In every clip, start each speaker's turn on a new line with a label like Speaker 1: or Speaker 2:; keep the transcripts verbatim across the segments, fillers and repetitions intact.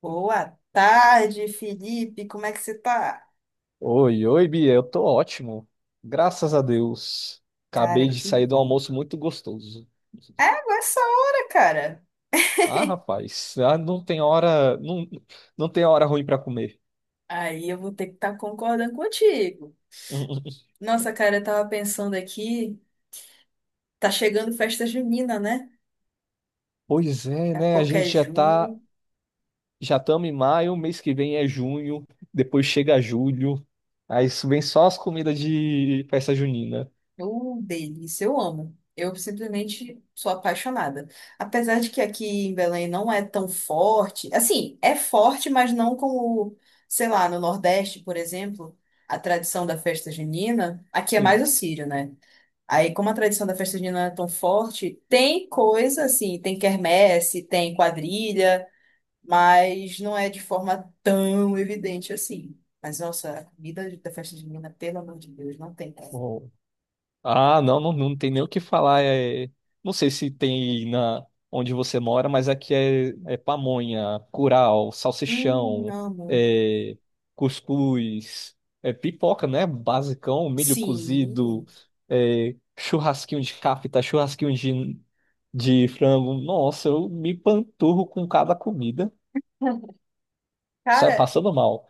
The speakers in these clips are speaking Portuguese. Speaker 1: Boa tarde, Felipe. Como é que você tá?
Speaker 2: Oi, oi, Bia, eu tô ótimo. Graças a Deus. Acabei
Speaker 1: Cara,
Speaker 2: de
Speaker 1: que
Speaker 2: sair de um
Speaker 1: bom.
Speaker 2: almoço muito gostoso.
Speaker 1: É, agora essa hora, cara.
Speaker 2: Ah, rapaz, ah, não tem hora, não, não tem hora ruim pra comer.
Speaker 1: Aí eu vou ter que estar concordando contigo. Nossa, cara, eu tava pensando aqui, tá chegando festa junina, né?
Speaker 2: Pois é,
Speaker 1: Daqui a
Speaker 2: né? A
Speaker 1: pouco é
Speaker 2: gente já tá,
Speaker 1: junho.
Speaker 2: já estamos em maio, mês que vem é junho, depois chega julho. Aí isso vem só as comidas de festa junina.
Speaker 1: Uh, delícia, eu amo. Eu simplesmente sou apaixonada. Apesar de que aqui em Belém não é tão forte. Assim, é forte, mas não como, sei lá, no Nordeste, por exemplo, a tradição da festa junina. Aqui é mais
Speaker 2: Sim.
Speaker 1: o Sírio, né? Aí, como a tradição da festa junina é tão forte, tem coisa assim, tem quermesse, tem quadrilha, mas não é de forma tão evidente assim. Mas, nossa, a comida da festa junina, pelo amor de Deus, não tem, cara.
Speaker 2: Ah, não, não, não tem nem o que falar. É, não sei se tem na onde você mora, mas aqui é, é pamonha, curau,
Speaker 1: Hum,
Speaker 2: salsichão,
Speaker 1: amo.
Speaker 2: é, cuscuz, é pipoca, né? Basicão, milho cozido,
Speaker 1: Sim.
Speaker 2: é, churrasquinho de capita, churrasquinho de, de frango. Nossa, eu me panturro com cada comida. Sai
Speaker 1: Cara,
Speaker 2: passando mal.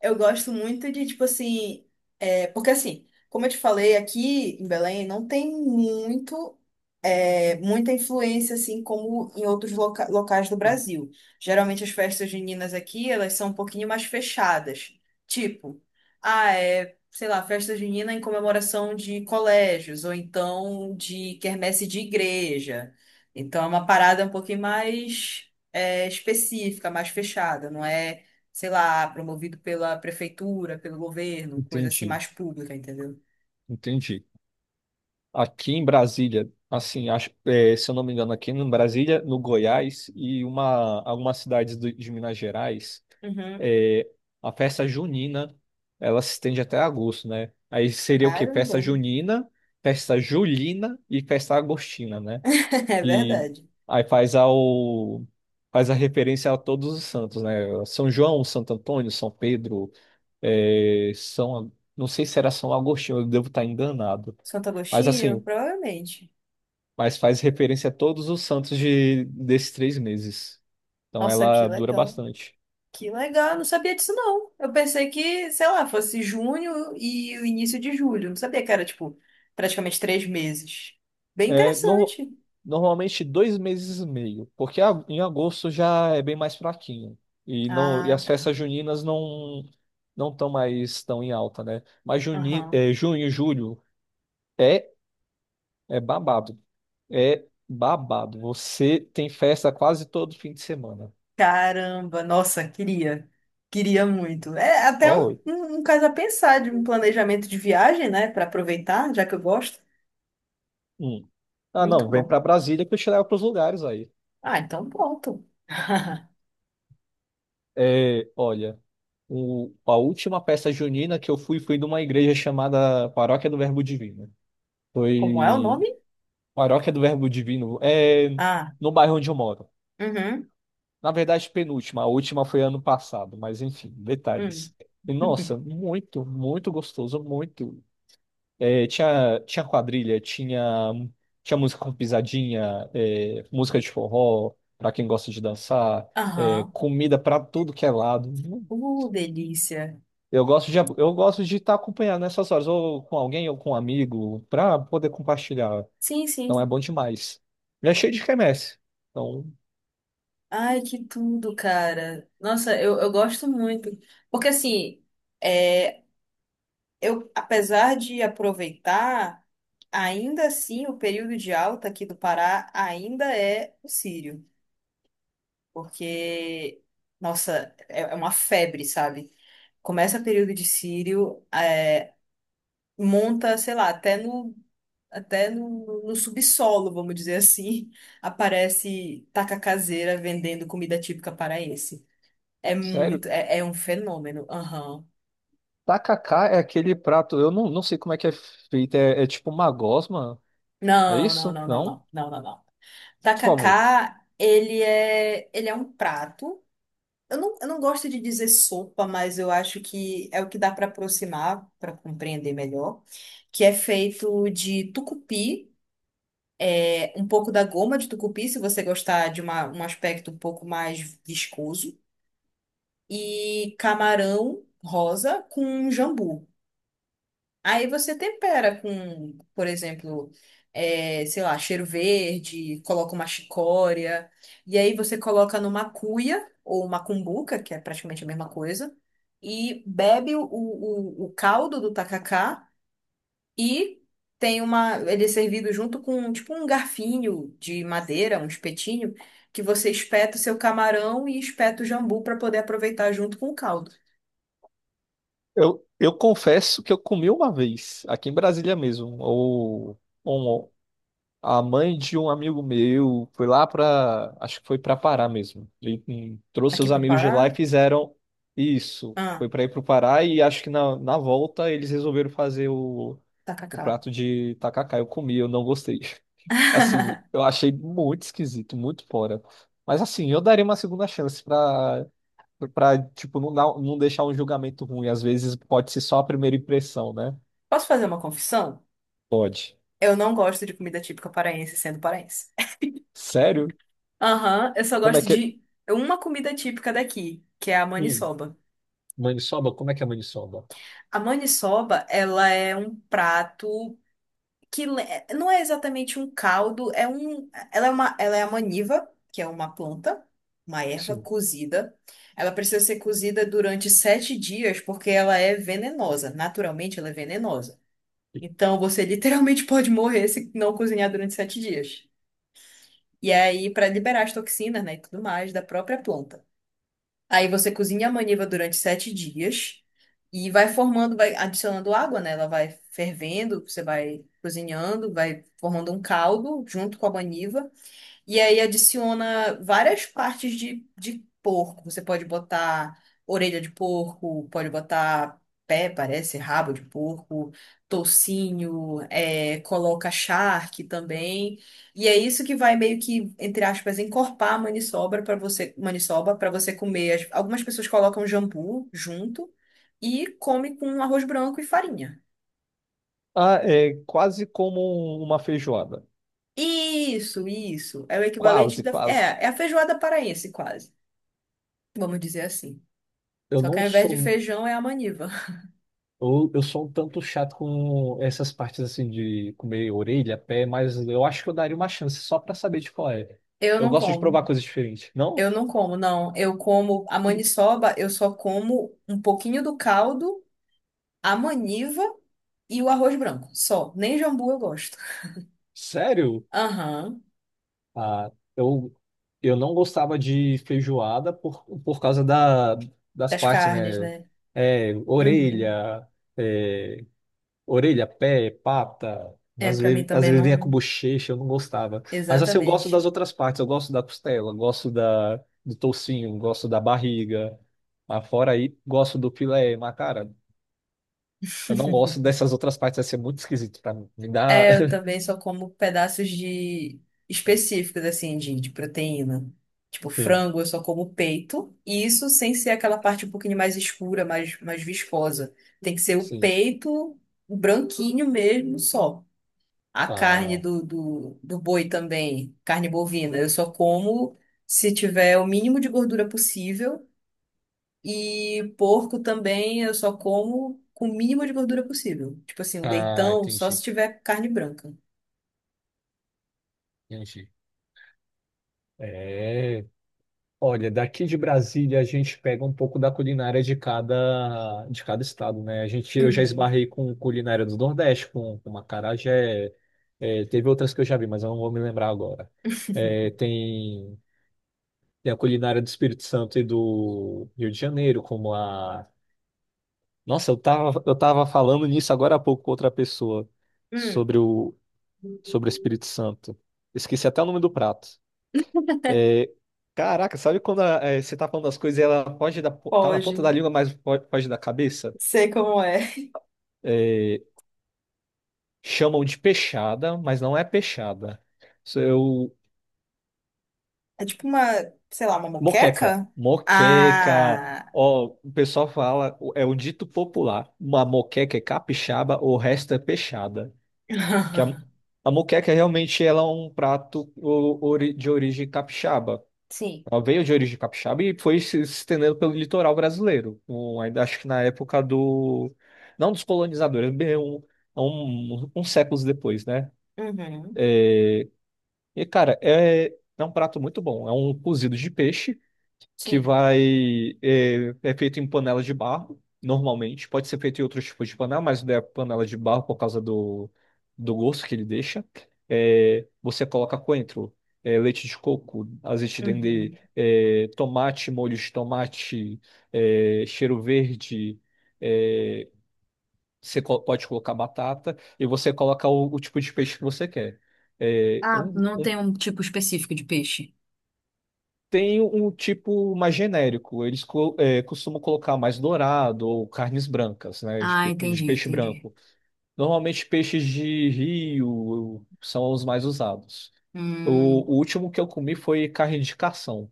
Speaker 1: eu gosto muito de, tipo assim, é, porque assim, como eu te falei, aqui em Belém não tem muito, é, muita influência, assim, como em outros loca- locais do Brasil. Geralmente as festas juninas aqui, elas são um pouquinho mais fechadas. Tipo, ah, é, sei lá, festa junina em comemoração de colégios, ou então de quermesse de igreja. Então é uma parada um pouquinho mais, é, específica, mais fechada, não é? Sei lá, promovido pela prefeitura, pelo governo, coisa assim
Speaker 2: Entendi,
Speaker 1: mais pública, entendeu?
Speaker 2: entendi. Aqui em Brasília, assim, acho, é, se eu não me engano, aqui em Brasília, no Goiás e uma, algumas cidades do- de Minas Gerais,
Speaker 1: Uhum.
Speaker 2: é, a festa junina, ela se estende até agosto, né? Aí seria o quê? Festa
Speaker 1: Caramba.
Speaker 2: junina, festa julina e festa agostina, né?
Speaker 1: É
Speaker 2: E
Speaker 1: verdade.
Speaker 2: aí faz ao, faz a referência a todos os santos, né? São João, Santo Antônio, São Pedro, é, São, não sei se era São Agostinho, eu devo estar enganado.
Speaker 1: Santo
Speaker 2: Mas
Speaker 1: Agostinho?
Speaker 2: assim,
Speaker 1: Provavelmente.
Speaker 2: mas faz referência a todos os santos de, desses três meses. Então
Speaker 1: Nossa, que
Speaker 2: ela dura
Speaker 1: legal.
Speaker 2: bastante.
Speaker 1: Que legal, eu não sabia disso não. Eu pensei que, sei lá, fosse junho e o início de julho. Eu não sabia que era, tipo, praticamente três meses. Bem
Speaker 2: É, no-
Speaker 1: interessante.
Speaker 2: normalmente dois meses e meio, porque a- em agosto já é bem mais fraquinho. E, não, e
Speaker 1: Ah,
Speaker 2: as
Speaker 1: tá.
Speaker 2: festas juninas não não estão mais tão em alta, né? Mas juni,
Speaker 1: Aham.
Speaker 2: é, junho, julho é, é babado. É babado. Você tem festa quase todo fim de semana.
Speaker 1: Caramba, nossa, queria. Queria muito. É até um,
Speaker 2: Oh,
Speaker 1: um, um caso a pensar de um planejamento de viagem, né? Para aproveitar, já que eu gosto.
Speaker 2: hum. Ah,
Speaker 1: Muito
Speaker 2: não, vem
Speaker 1: bom.
Speaker 2: para Brasília que eu te levo para os lugares aí.
Speaker 1: Ah, então pronto.
Speaker 2: É, olha, o- a última peça junina que eu fui foi numa igreja chamada Paróquia do Verbo Divino.
Speaker 1: Como é o
Speaker 2: Foi
Speaker 1: nome?
Speaker 2: Paróquia do Verbo Divino, é
Speaker 1: Ah,
Speaker 2: no bairro onde eu moro.
Speaker 1: uhum,
Speaker 2: Na verdade, penúltima, a última foi ano passado, mas enfim,
Speaker 1: hum.
Speaker 2: detalhes. E, nossa, muito, muito gostoso, muito. É, tinha, tinha quadrilha, tinha, tinha música com pisadinha, é, música de forró, pra quem gosta de dançar, é,
Speaker 1: Aham.
Speaker 2: comida pra tudo que é lado.
Speaker 1: Uh, delícia.
Speaker 2: Eu gosto de, eu gosto de estar acompanhado nessas horas, ou com alguém, ou com um amigo, para poder compartilhar.
Speaker 1: Sim,
Speaker 2: Então é
Speaker 1: sim.
Speaker 2: bom demais. E é cheio de quermesse. Então,
Speaker 1: Ai, que tudo, cara. Nossa, eu, eu gosto muito. Porque, assim, é. eu, apesar de aproveitar, ainda assim o período de alta aqui do Pará ainda é o sírio, porque, nossa, é é uma febre, sabe? Começa período de sírio, é, monta, sei lá, até no, até no, no subsolo, vamos dizer assim, aparece taca caseira vendendo comida típica paraense. É muito,
Speaker 2: sério,
Speaker 1: é, é um fenômeno. Aham.
Speaker 2: tacacá é aquele prato, eu não, não sei como é que é feito, é, é tipo uma gosma? É
Speaker 1: Não, não,
Speaker 2: isso?
Speaker 1: não, não,
Speaker 2: Não?
Speaker 1: não, não, não, não.
Speaker 2: Por favor.
Speaker 1: Tacacá, ele é, ele é um prato. Eu não, eu não gosto de dizer sopa, mas eu acho que é o que dá para aproximar, para compreender melhor, que é feito de tucupi, é, um pouco da goma de tucupi, se você gostar de uma, um aspecto um pouco mais viscoso, e camarão rosa com jambu. Aí você tempera com, por exemplo, eh, sei lá, cheiro verde, coloca uma chicória, e aí você coloca numa cuia ou uma cumbuca, que é praticamente a mesma coisa, e bebe o, o, o caldo do tacacá e tem uma, ele é servido junto com tipo um garfinho de madeira, um espetinho, que você espeta o seu camarão e espeta o jambu para poder aproveitar junto com o caldo.
Speaker 2: Eu, eu confesso que eu comi uma vez, aqui em Brasília mesmo, ou A mãe de um amigo meu foi lá pra. Acho que foi pra Pará mesmo. Ele hum, trouxe
Speaker 1: Aqui
Speaker 2: os
Speaker 1: para
Speaker 2: amigos de lá
Speaker 1: Pará,
Speaker 2: e fizeram isso.
Speaker 1: ah,
Speaker 2: Foi pra ir pro Pará e acho que na, na volta eles resolveram fazer o, o
Speaker 1: tacacá.
Speaker 2: prato de tacacá. Eu comi, eu não gostei. Assim, eu achei muito esquisito, muito fora. Mas assim, eu daria uma segunda chance pra, pra tipo, não, dar- não deixar um julgamento ruim. Às vezes pode ser só a primeira impressão, né?
Speaker 1: Posso fazer uma confissão?
Speaker 2: Pode.
Speaker 1: Eu não gosto de comida típica paraense sendo paraense.
Speaker 2: Sério?
Speaker 1: Aham, eu só
Speaker 2: Como é
Speaker 1: gosto
Speaker 2: que é?
Speaker 1: de uma comida típica daqui, que é a
Speaker 2: Hum,
Speaker 1: maniçoba.
Speaker 2: maniçoba? Como é que é maniçoba?
Speaker 1: A maniçoba, ela é um prato que le- não é exatamente um caldo, é um, ela é uma, ela é a maniva, que é uma planta, uma erva
Speaker 2: Sim.
Speaker 1: cozida. Ela precisa ser cozida durante sete dias porque ela é venenosa. Naturalmente, ela é venenosa. Então, você literalmente pode morrer se não cozinhar durante sete dias. E aí, para liberar as toxinas, né, e tudo mais da própria planta. Aí você cozinha a maniva durante sete dias e vai formando, vai adicionando água, né? Ela vai fervendo, você vai cozinhando, vai formando um caldo junto com a maniva. E aí adiciona várias partes de, de porco. Você pode botar orelha de porco, pode botar pé, parece, rabo de porco, toucinho, é, coloca charque também. E é isso que vai meio que, entre aspas, encorpar a maniçoba para você, maniçoba para você comer. As- Algumas pessoas colocam jambu junto e come com arroz branco e farinha.
Speaker 2: Ah, é quase como uma feijoada.
Speaker 1: Isso, isso. É o equivalente
Speaker 2: Quase,
Speaker 1: da.
Speaker 2: quase.
Speaker 1: É, é a feijoada paraense, quase. Vamos dizer assim.
Speaker 2: Eu
Speaker 1: Só que
Speaker 2: não
Speaker 1: ao invés de
Speaker 2: sou.
Speaker 1: feijão é a maniva.
Speaker 2: Eu, eu sou um tanto chato com essas partes assim de comer orelha, pé, mas eu acho que eu daria uma chance só pra saber de qual é.
Speaker 1: Eu
Speaker 2: Eu
Speaker 1: não
Speaker 2: gosto de
Speaker 1: como.
Speaker 2: provar coisas diferentes. Não?
Speaker 1: Eu não como, não. Eu como a maniçoba, eu só como um pouquinho do caldo, a maniva e o arroz branco. Só. Nem jambu eu gosto.
Speaker 2: Sério?
Speaker 1: Aham.
Speaker 2: Ah, eu, eu não gostava de feijoada por, por causa da, das
Speaker 1: Das
Speaker 2: partes,
Speaker 1: carnes,
Speaker 2: né?
Speaker 1: né?
Speaker 2: É.
Speaker 1: Uhum.
Speaker 2: orelha, é, Orelha, pé, pata.
Speaker 1: É,
Speaker 2: Às
Speaker 1: pra mim
Speaker 2: vezes, às
Speaker 1: também
Speaker 2: vezes vinha com
Speaker 1: não.
Speaker 2: bochecha, eu não gostava. Mas assim, eu gosto das
Speaker 1: Exatamente.
Speaker 2: outras partes. Eu gosto da costela, eu gosto da, do toucinho, eu gosto da barriga. Mas fora aí, gosto do filé. Mas, cara, eu não gosto dessas outras partes. Vai ser muito esquisito pra mim. Me dá.
Speaker 1: É, eu também só como pedaços de específicos, assim, de, de proteína. Tipo,
Speaker 2: Sim,
Speaker 1: frango, eu só como peito. E isso sem ser aquela parte um pouquinho mais escura, mais, mais viscosa. Tem que ser o
Speaker 2: sim.
Speaker 1: peito branquinho mesmo, só. A carne
Speaker 2: Ah,
Speaker 1: do, do, do boi também, carne bovina, eu só como se tiver o mínimo de gordura possível. E porco também, eu só como com o mínimo de gordura possível. Tipo assim, o
Speaker 2: ah,
Speaker 1: leitão, só se
Speaker 2: entendi,
Speaker 1: tiver carne branca.
Speaker 2: entendi. É. Olha, daqui de Brasília a gente pega um pouco da culinária de cada, de cada estado, né? A gente, eu já
Speaker 1: Uhum.
Speaker 2: esbarrei com culinária do Nordeste, com, com acarajé, é, teve outras que eu já vi, mas eu não vou me lembrar agora. É, tem, tem a culinária do Espírito Santo e do Rio de Janeiro, como a. Nossa, eu tava, eu tava falando nisso agora há pouco com outra pessoa,
Speaker 1: Hum,
Speaker 2: sobre o, sobre o Espírito Santo. Esqueci até o nome do prato. É, caraca, sabe quando a- é, você tá falando das coisas e ela foge da, po- tá na ponta da
Speaker 1: Pode.
Speaker 2: língua, mas fo- foge da cabeça?
Speaker 1: Sei como é.
Speaker 2: É, chamam de peixada, mas não é peixada. Isso é o
Speaker 1: É tipo uma, sei lá, uma
Speaker 2: moqueca.
Speaker 1: moqueca?
Speaker 2: Moqueca.
Speaker 1: Ah,
Speaker 2: Ó, o pessoal fala, o- é um dito popular. Uma moqueca é capixaba, o resto é peixada. Que a, a moqueca realmente ela é um prato o- ori- de origem capixaba.
Speaker 1: Sim.
Speaker 2: Ela veio de origem capixaba e foi se estendendo pelo litoral brasileiro. Um, ainda acho que na época do. Não dos colonizadores, bem um, um, uns séculos depois, né?
Speaker 1: Uhum,
Speaker 2: E, cara, é, é um prato muito bom. É um cozido de peixe que
Speaker 1: sim.
Speaker 2: vai é, é feito em panelas de barro, normalmente. Pode ser feito em outros tipos de panela, mas não é panela de barro por causa do, do gosto que ele deixa. É, você coloca coentro, é, leite de coco, azeite dendê,
Speaker 1: Uhum.
Speaker 2: é, tomate, molho de tomate, é, cheiro verde. é, você co- pode colocar batata e você coloca o, o tipo de peixe que você quer. É,
Speaker 1: Ah,
Speaker 2: um,
Speaker 1: não
Speaker 2: um
Speaker 1: tem um tipo específico de peixe.
Speaker 2: Tem um tipo mais genérico. Eles co- é, costumam colocar mais dourado ou carnes brancas, né? De,
Speaker 1: Ah,
Speaker 2: pe- de
Speaker 1: entendi,
Speaker 2: peixe
Speaker 1: entendi.
Speaker 2: branco. Normalmente peixes de rio são os mais usados.
Speaker 1: Hum,
Speaker 2: O, o último que eu comi foi carne de carção.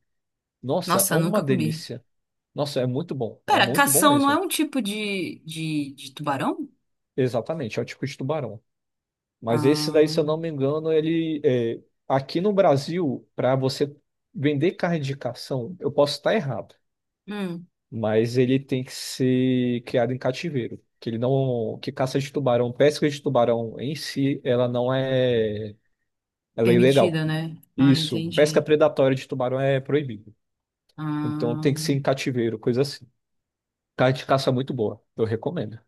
Speaker 2: Nossa, é
Speaker 1: Nossa,
Speaker 2: uma
Speaker 1: nunca comi.
Speaker 2: delícia. Nossa, é muito bom. É
Speaker 1: Pera,
Speaker 2: muito bom
Speaker 1: cação não é
Speaker 2: mesmo.
Speaker 1: um tipo de, de, de tubarão?
Speaker 2: Exatamente, é o tipo de tubarão. Mas esse daí, se
Speaker 1: Ah,
Speaker 2: eu não me engano, ele é, aqui no Brasil, para você vender carne de carção, eu posso estar errado.
Speaker 1: hum,
Speaker 2: Mas ele tem que ser criado em cativeiro, que ele não, que caça de tubarão, pesca de tubarão em si, ela não é, ela é ilegal.
Speaker 1: permitida, né? Ah,
Speaker 2: Isso, pesca
Speaker 1: entendi.
Speaker 2: predatória de tubarão é proibido. Então tem
Speaker 1: Ah,
Speaker 2: que ser em cativeiro, coisa assim. Carne de caça é muito boa, eu recomendo.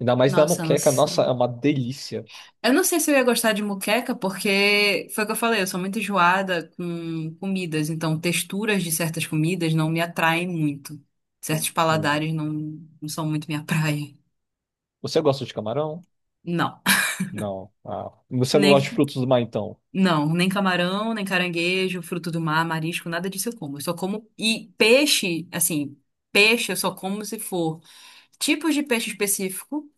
Speaker 2: Ainda mais na
Speaker 1: nossa, não
Speaker 2: moqueca, nossa,
Speaker 1: sei.
Speaker 2: é uma delícia.
Speaker 1: Eu não sei se eu ia gostar de moqueca, porque foi o que eu falei, eu sou muito enjoada com comidas, então texturas de certas comidas não me atraem muito. Certos
Speaker 2: Hum.
Speaker 1: paladares não, não são muito minha praia.
Speaker 2: Você gosta de camarão?
Speaker 1: Não.
Speaker 2: Não. Ah, você não
Speaker 1: Nem,
Speaker 2: gosta de frutos do mar, então?
Speaker 1: não, nem camarão, nem caranguejo, fruto do mar, marisco, nada disso eu como. Eu só como. E peixe, assim, peixe eu só como se for tipos de peixe específico,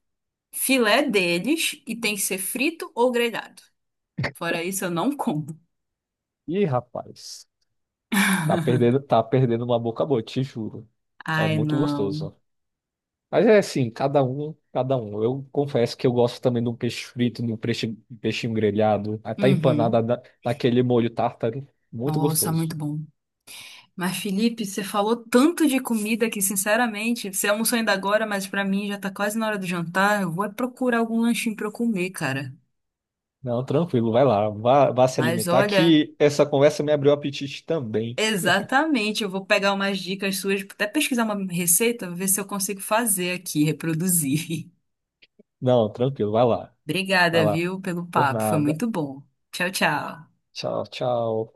Speaker 1: filé deles, e tem que ser frito ou grelhado. Fora isso, eu não como.
Speaker 2: Ih, rapaz, tá perdendo, tá perdendo uma boca boa, te juro. É
Speaker 1: Ai,
Speaker 2: muito
Speaker 1: não.
Speaker 2: gostoso. Mas é assim, cada um, cada um. Eu confesso que eu gosto também de um peixe frito, de um peixe, peixinho grelhado, até empanada
Speaker 1: Uhum.
Speaker 2: na- naquele molho tártaro. Muito
Speaker 1: Nossa,
Speaker 2: gostoso.
Speaker 1: muito bom. Mas, Felipe, você falou tanto de comida que, sinceramente, você almoçou ainda agora, mas pra mim já tá quase na hora do jantar. Eu vou é procurar algum lanchinho pra eu comer, cara.
Speaker 2: Não, tranquilo, vai lá, vá, vá se
Speaker 1: Mas
Speaker 2: alimentar,
Speaker 1: olha,
Speaker 2: que essa conversa me abriu o apetite também.
Speaker 1: exatamente, eu vou pegar umas dicas suas, até pesquisar uma receita, ver se eu consigo fazer aqui, reproduzir.
Speaker 2: Não, tranquilo, vai lá, vai
Speaker 1: Obrigada,
Speaker 2: lá.
Speaker 1: viu, pelo
Speaker 2: Por
Speaker 1: papo. Foi
Speaker 2: nada.
Speaker 1: muito bom. Tchau, tchau.
Speaker 2: Tchau, tchau.